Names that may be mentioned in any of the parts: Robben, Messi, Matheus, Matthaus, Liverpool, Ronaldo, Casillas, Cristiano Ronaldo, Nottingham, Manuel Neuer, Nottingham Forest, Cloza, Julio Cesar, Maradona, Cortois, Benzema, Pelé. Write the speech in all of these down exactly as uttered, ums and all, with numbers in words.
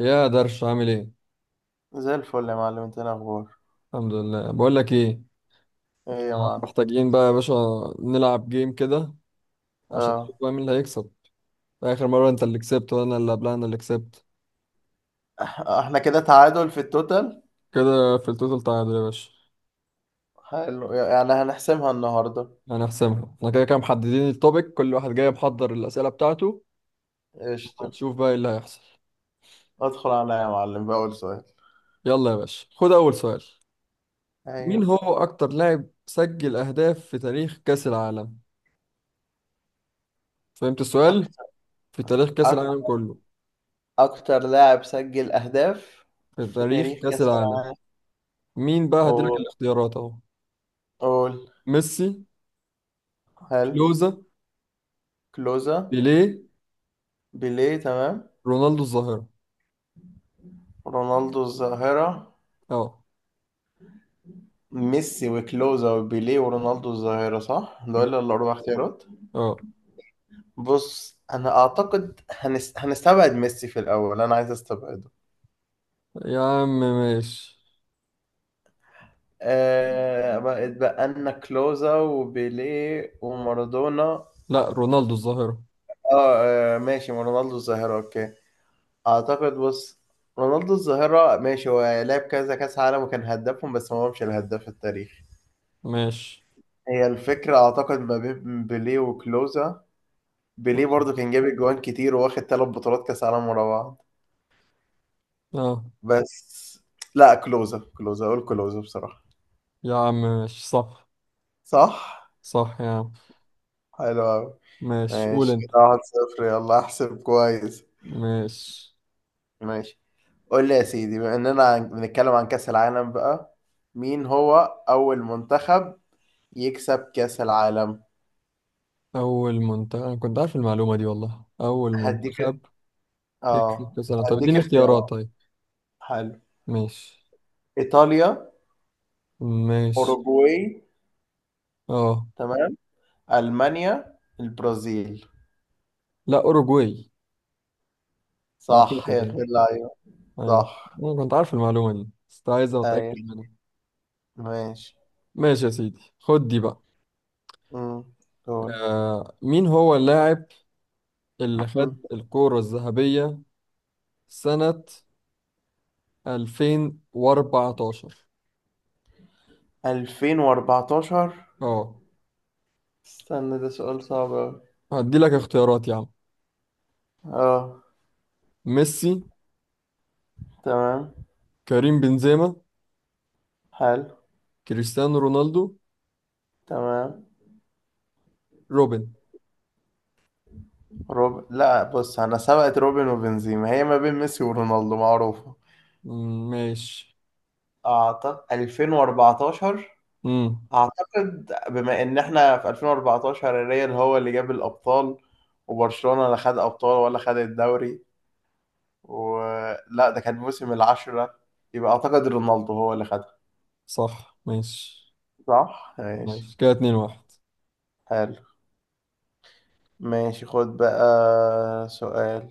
يا درش عامل ايه؟ زي الفل يا معلم، انت ايه الاخبار؟ الحمد لله. بقول لك ايه؟ ايه يا آه. معلم؟ محتاجين بقى يا باشا نلعب جيم كده عشان نشوف اه. بقى مين اللي هيكسب. اخر مره انت اللي كسبت وانا اللي قبلها انا اللي كسبت. اح- احنا كده تعادل في التوتال. كده في التوتال تعادل يا باشا. حلو، يعني هنحسمها النهارده. هنحسمها احنا كده كده، محددين التوبيك، كل واحد جاي محضر الاسئله بتاعته. قشطه. هنشوف بقى ايه اللي هيحصل. ادخل عليا يا معلم بأول سؤال. يلا يا باشا، خد اول سؤال. مين ايوه. هو اكتر لاعب سجل اهداف في تاريخ كاس العالم؟ فهمت السؤال؟ اكتر في تاريخ كاس أك... العالم كله، اكتر لاعب سجل اهداف في في تاريخ تاريخ كاس كاس العالم. العالم. مين بقى؟ قول. هديلك الاختيارات اهو: قول. ميسي، حلو. كلوزا، كلوزا. بيليه، بيليه، تمام. رونالدو الظاهرة. رونالدو الظاهره. اه. ميسي وكلوزا وبيليه ورونالدو الظاهره، صح؟ ب- دول الاربع اختيارات. اه. بص، انا اعتقد هنس... هنستبعد ميسي في الاول، انا عايز استبعده. يا عم ماشي. آه، بقت بقى لنا كلوزا وبيليه ومارادونا. لا رونالدو الظاهرة. آه, اه ماشي، رونالدو الظاهرة اوكي. اعتقد، بص، رونالدو الظاهرة ماشي، هو لعب كذا كاس عالم وكان هدافهم، بس هو مش الهداف التاريخي. ماشي. هي الفكرة اعتقد ما بين بيليه وكلوزا. بيليه برضو كان جايب جوان كتير، وواخد ثلاث بطولات كاس عالم ورا بعض. اه بس لا، كلوزا، كلوزا، اقول كلوزا بصراحة. يا عم ماشي صح. صح. صح يا عم. حلو أوي. ماشي، قول ماشي انت. كده، واحد صفر، يلا احسب كويس. ماشي. ماشي. قول لي يا سيدي، بما اننا عن- بنتكلم عن كأس العالم بقى، مين هو أول منتخب يكسب كأس العالم؟ أول منتخب، أنا كنت عارف المعلومة دي والله. أول هديك. منتخب يكسب اه، كأس العالم؟ طب هديك اديني اختيارات اختيارات. طيب. حلو. ماشي. إيطاليا. ماشي. أوروجواي، اه. تمام. ألمانيا، البرازيل. لا أوروجواي. صح أعتقد يا يعني. أخي، اللعيبة أيوة، صح. أنا كنت عارف المعلومة دي بس كنت عايز أيوة، أتأكد منها. ماشي. ماشي يا سيدي، خد دي بقى. امم، دول آه، مين هو اللاعب اللي خد الكرة الذهبية سنة ألفين وأربعة عشر؟ ألفين وأربعة عشر. اه استنى، ده سؤال صعب أوي. هدي لك اختيارات يا عم: اه. ميسي، تمام. كريم بنزيما، حلو. كريستيانو رونالدو، تمام. روبن. روب، لا بص، انا سبقت روبن وبنزيما، هي ما بين ميسي ورونالدو معروفة. مم، ماشي. اعتقد ألفين وأربعة عشر. امم. اعتقد بما ان احنا في ألفين واربعتاشر الريال هو اللي جاب الابطال، وبرشلونة لا خد ابطال ولا خد الدوري، ولا ده كان موسم العشرة. يبقى اعتقد رونالدو هو اللي خدها. صح ماشي. صح ماشي. ماشي كده اتنين واحد. حلو. ماشي، خد بقى سؤال.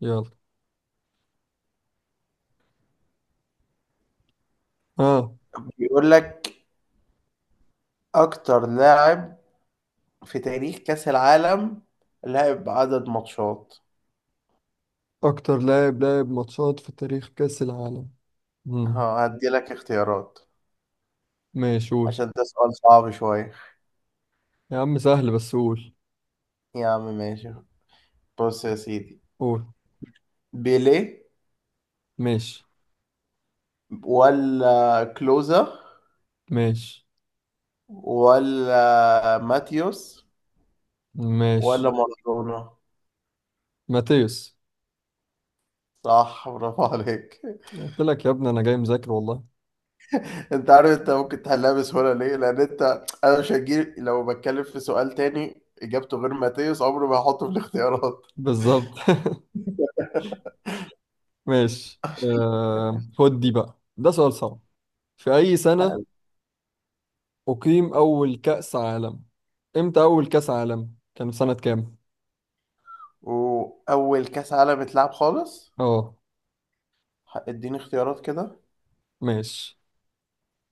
يلا. ها. بيقول لك، اكتر لاعب في تاريخ كأس العالم لعب عدد ماتشات. اكتر لاعب لعب ماتشات في تاريخ كأس العالم. ها، امم. هديلك اختيارات، ماشي قول. عشان ده سؤال صعب شوية. يا عم سهل، بس قول. يا عم ماشي. بص يا سيدي، قول. بيليه ماشي. ولا كلوزا ماشي. ولا ماتيوس ولا ماشي. مارادونا؟ ماتيوس. صح، برافو عليك. قلت لك يا ابني انا جاي مذاكر والله. انت عارف انت ممكن تحلها بسهولة ليه؟ لان انت، انا مش هجيب، لو بتكلم في سؤال تاني اجابته غير ماتيوس عمري ما هحطه في الاختيارات. بالظبط. ماشي. آه خد دي بقى، ده سؤال صعب. في اي سنة اقيم اول كأس عالم؟ امتى اول كأس عالم؟ كان في سنة كام؟ وأول كأس عالم اتلعب خالص؟ اه ه- اديني اختيارات كده. ماشي.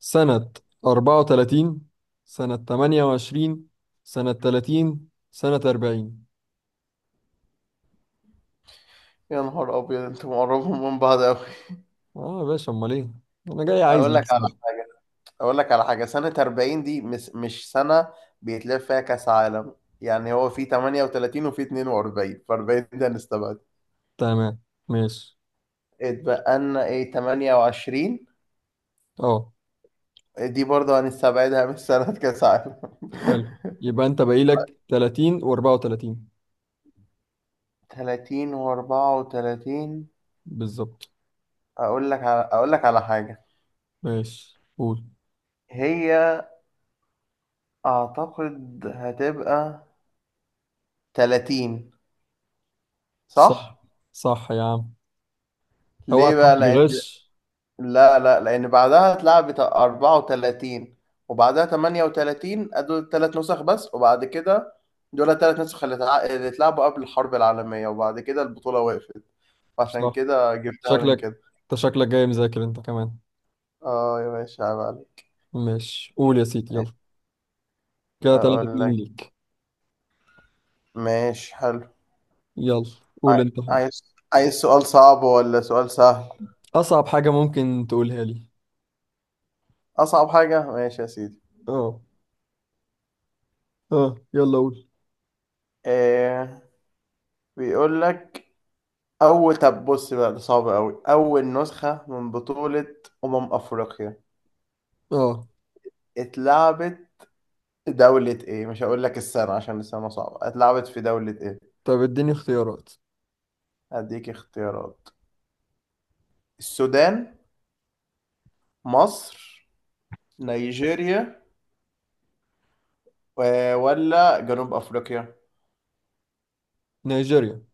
سنة أربعة وثلاثين، سنة تمنية وعشرين، سنة ثلاثين، سنة أربعين. يا نهار أبيض، انتوا مقربين من بعض أوي. اه يا باشا، امال ايه؟ انا جاي عايز أقول لك على اكسب. حاجة أقول لك على حاجة، سنة اربعين دي مش, مش سنة بيتلعب فيها كأس عالم، يعني هو في ثمانية وثلاثين وفي اتنين واربعين، ف اربعين ده هنستبعد. تمام. ماشي. اتبقى لنا ايه؟ ثمانية وعشرين اه دي برضه هنستبعدها من سنة كأس عالم. حلو. يبقى انت باقي لك ثلاثين و34. تلاتين و34. بالظبط. أقول لك على أقول لك على حاجة. ماشي قول. هي أعتقد هتبقى تلاتين، صح. صح؟ صح يا عم. اوعى ليه تكون بقى؟ لأن، بتغش. لا لا، لأن بعدها اتلعبت اربعة وثلاثين وبعدها تمنية وثلاثين، دول ثلاث نسخ بس، وبعد كده دول ثلاث نسخ اللي اتع- اللي اتلعبوا قبل الحرب العالمية، وبعد كده البطولة وقفت، عشان صح. كده جبتها من شكلك، كده. انت شكلك جاي مذاكر انت كمان. اه يا باشا، عيب عليك. ماشي، قول يا سيدي يلا. كده 3 أقول 2 لك ليك. ماشي، حلو. يلا. قول عاي- انت حاجة. عايز، عايز سؤال صعب ولا سؤال سهل؟ اصعب حاجة ممكن تقولها لي. أصعب حاجة؟ ماشي يا سيدي. اه. اه يلا قول. إيه، بيقول لك أول، طب بص بقى، ده صعب أوي. أول نسخة من بطولة أمم أفريقيا اه. اتلعبت في دولة إيه؟ مش هقول لك السنة عشان السنة صعبة، اتلعبت في دولة إيه؟ طب اديني اختيارات. هديك اختيارات. السودان. مصر. نيجيريا. و- ولا جنوب أفريقيا؟ نيجيريا.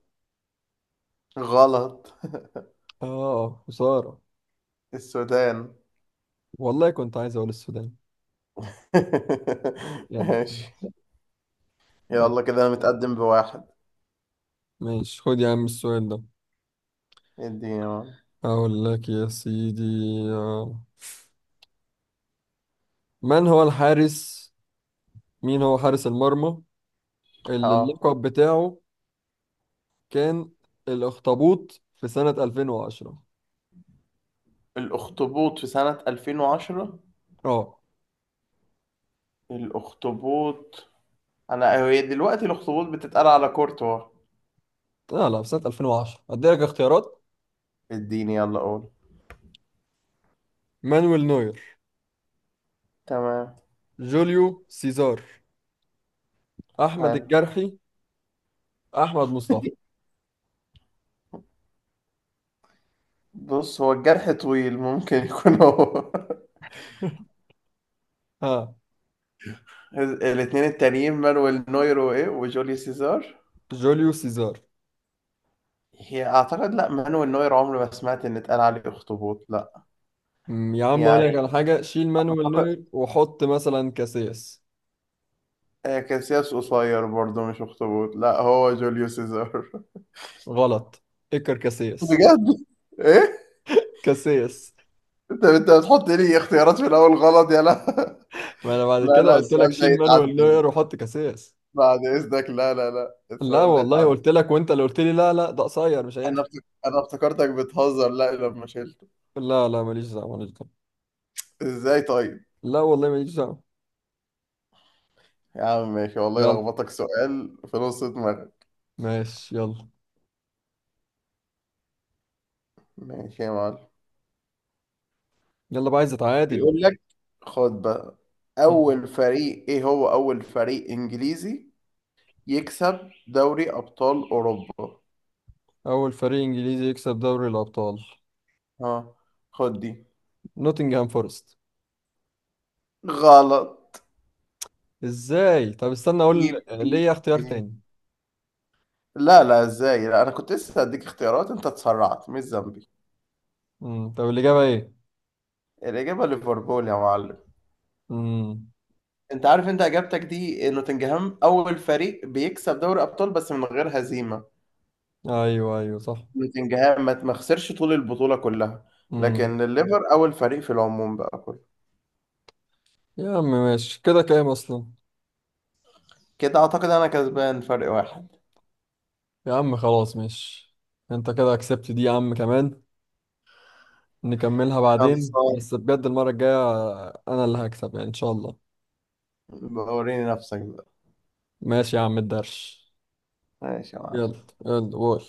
غلط. اه خسارة. السودان. والله كنت عايز اقول السودان. يلا. ماشي، ماشي. يلا كده أنا متقدم بواحد. ماشي، خد يا عم السؤال ده. اديني واحد. اقول لك يا سيدي. آه. من هو الحارس، مين هو حارس المرمى اللي اه. اللقب بتاعه كان الأخطبوط في سنة ألفين وعشرة؟ الأخطبوط في سنة ألفين وعشرة. اه. الأخطبوط. انا هي دلوقتي الاخطبوط بتتقال على كورتوا. لا لا، في سنة ألفين وعشرة. هديلك اختيارات: اديني، يلا قول. مانويل نوير، تمام. جوليو سيزار، أحمد حلو. الجرحي، أحمد مصطفى. بص، هو الجرح طويل، ممكن يكون هو. ها. الاثنين التانيين، مانويل نوير وايه، وجوليو سيزار. جوليو سيزار. هي اعتقد، لا، مانويل نوير عمري ما سمعت ان اتقال عليه اخطبوط، لا. أمم، يا عم أقول لك يعني، على حاجة، شيل مانويل اعتقد، نوير وحط مثلا كاسياس. آه، كاسياس قصير برضه مش اخطبوط، لا هو جوليو سيزار. غلط. اكر كاسياس. بجد؟ ايه؟ كاسياس. انت انت بتحط لي اختيارات في الاول غلط يا لا. ما أنا بعد لا كده لا، قلت لك السؤال ده شيل مانويل يتعدى، نوير وحط كاسياس. بعد اذنك، لا لا لا، لا السؤال ده والله اتعدى. قلت لك، وانت اللي قلت لي لا لا ده قصير مش هينفع. انا افتك... انا افتكرتك بتهزر، لا لما شلته. لا لا ماليش دعوه، ماليش دعوه. ازاي طيب؟ لا والله ماليش دعوه. يا عم ماشي، والله يلا. لخبطك سؤال في نص دماغك. ماشي يلا. ماشي يا معلم. يلا بقى عايز اتعادل. بيقول لك، خد بقى، اول فريق، ايه هو اول فريق انجليزي يكسب دوري ابطال اوروبا؟ اول فريق انجليزي يكسب دوري الابطال؟ ها، خد دي. نوتنغهام فورست. غلط. ازاي؟ طب استنى اقول إيه- إيه- ليه اختيار إيه. تاني. لا لا، ازاي؟ لا، انا كنت لسه هديك اختيارات، انت اتسرعت، مش ذنبي. امم. طب الاجابه ايه؟ الاجابه ليفربول يا معلم. امم. انت عارف انت اجابتك دي، نوتنجهام اول فريق بيكسب دوري ابطال بس من غير هزيمه، ايوه ايوه صح. نوتنجهام ما ما خسرش طول البطوله كلها، لكن امم. الليفر اول فريق في العموم بقى كله. يا عم ماشي. كده كام اصلا؟ كده اعتقد انا كسبان فرق واحد. يا عم خلاص ماشي. انت كده كسبت دي يا عم كمان. نكملها بعدين، خلصان. بس بجد المرة الجاية أنا اللي هكسب يعني إن شاء الله. بوريني نفسك بقى. ماشي يا عم الدرش. ماشي يا معلم. يلا يلا قول.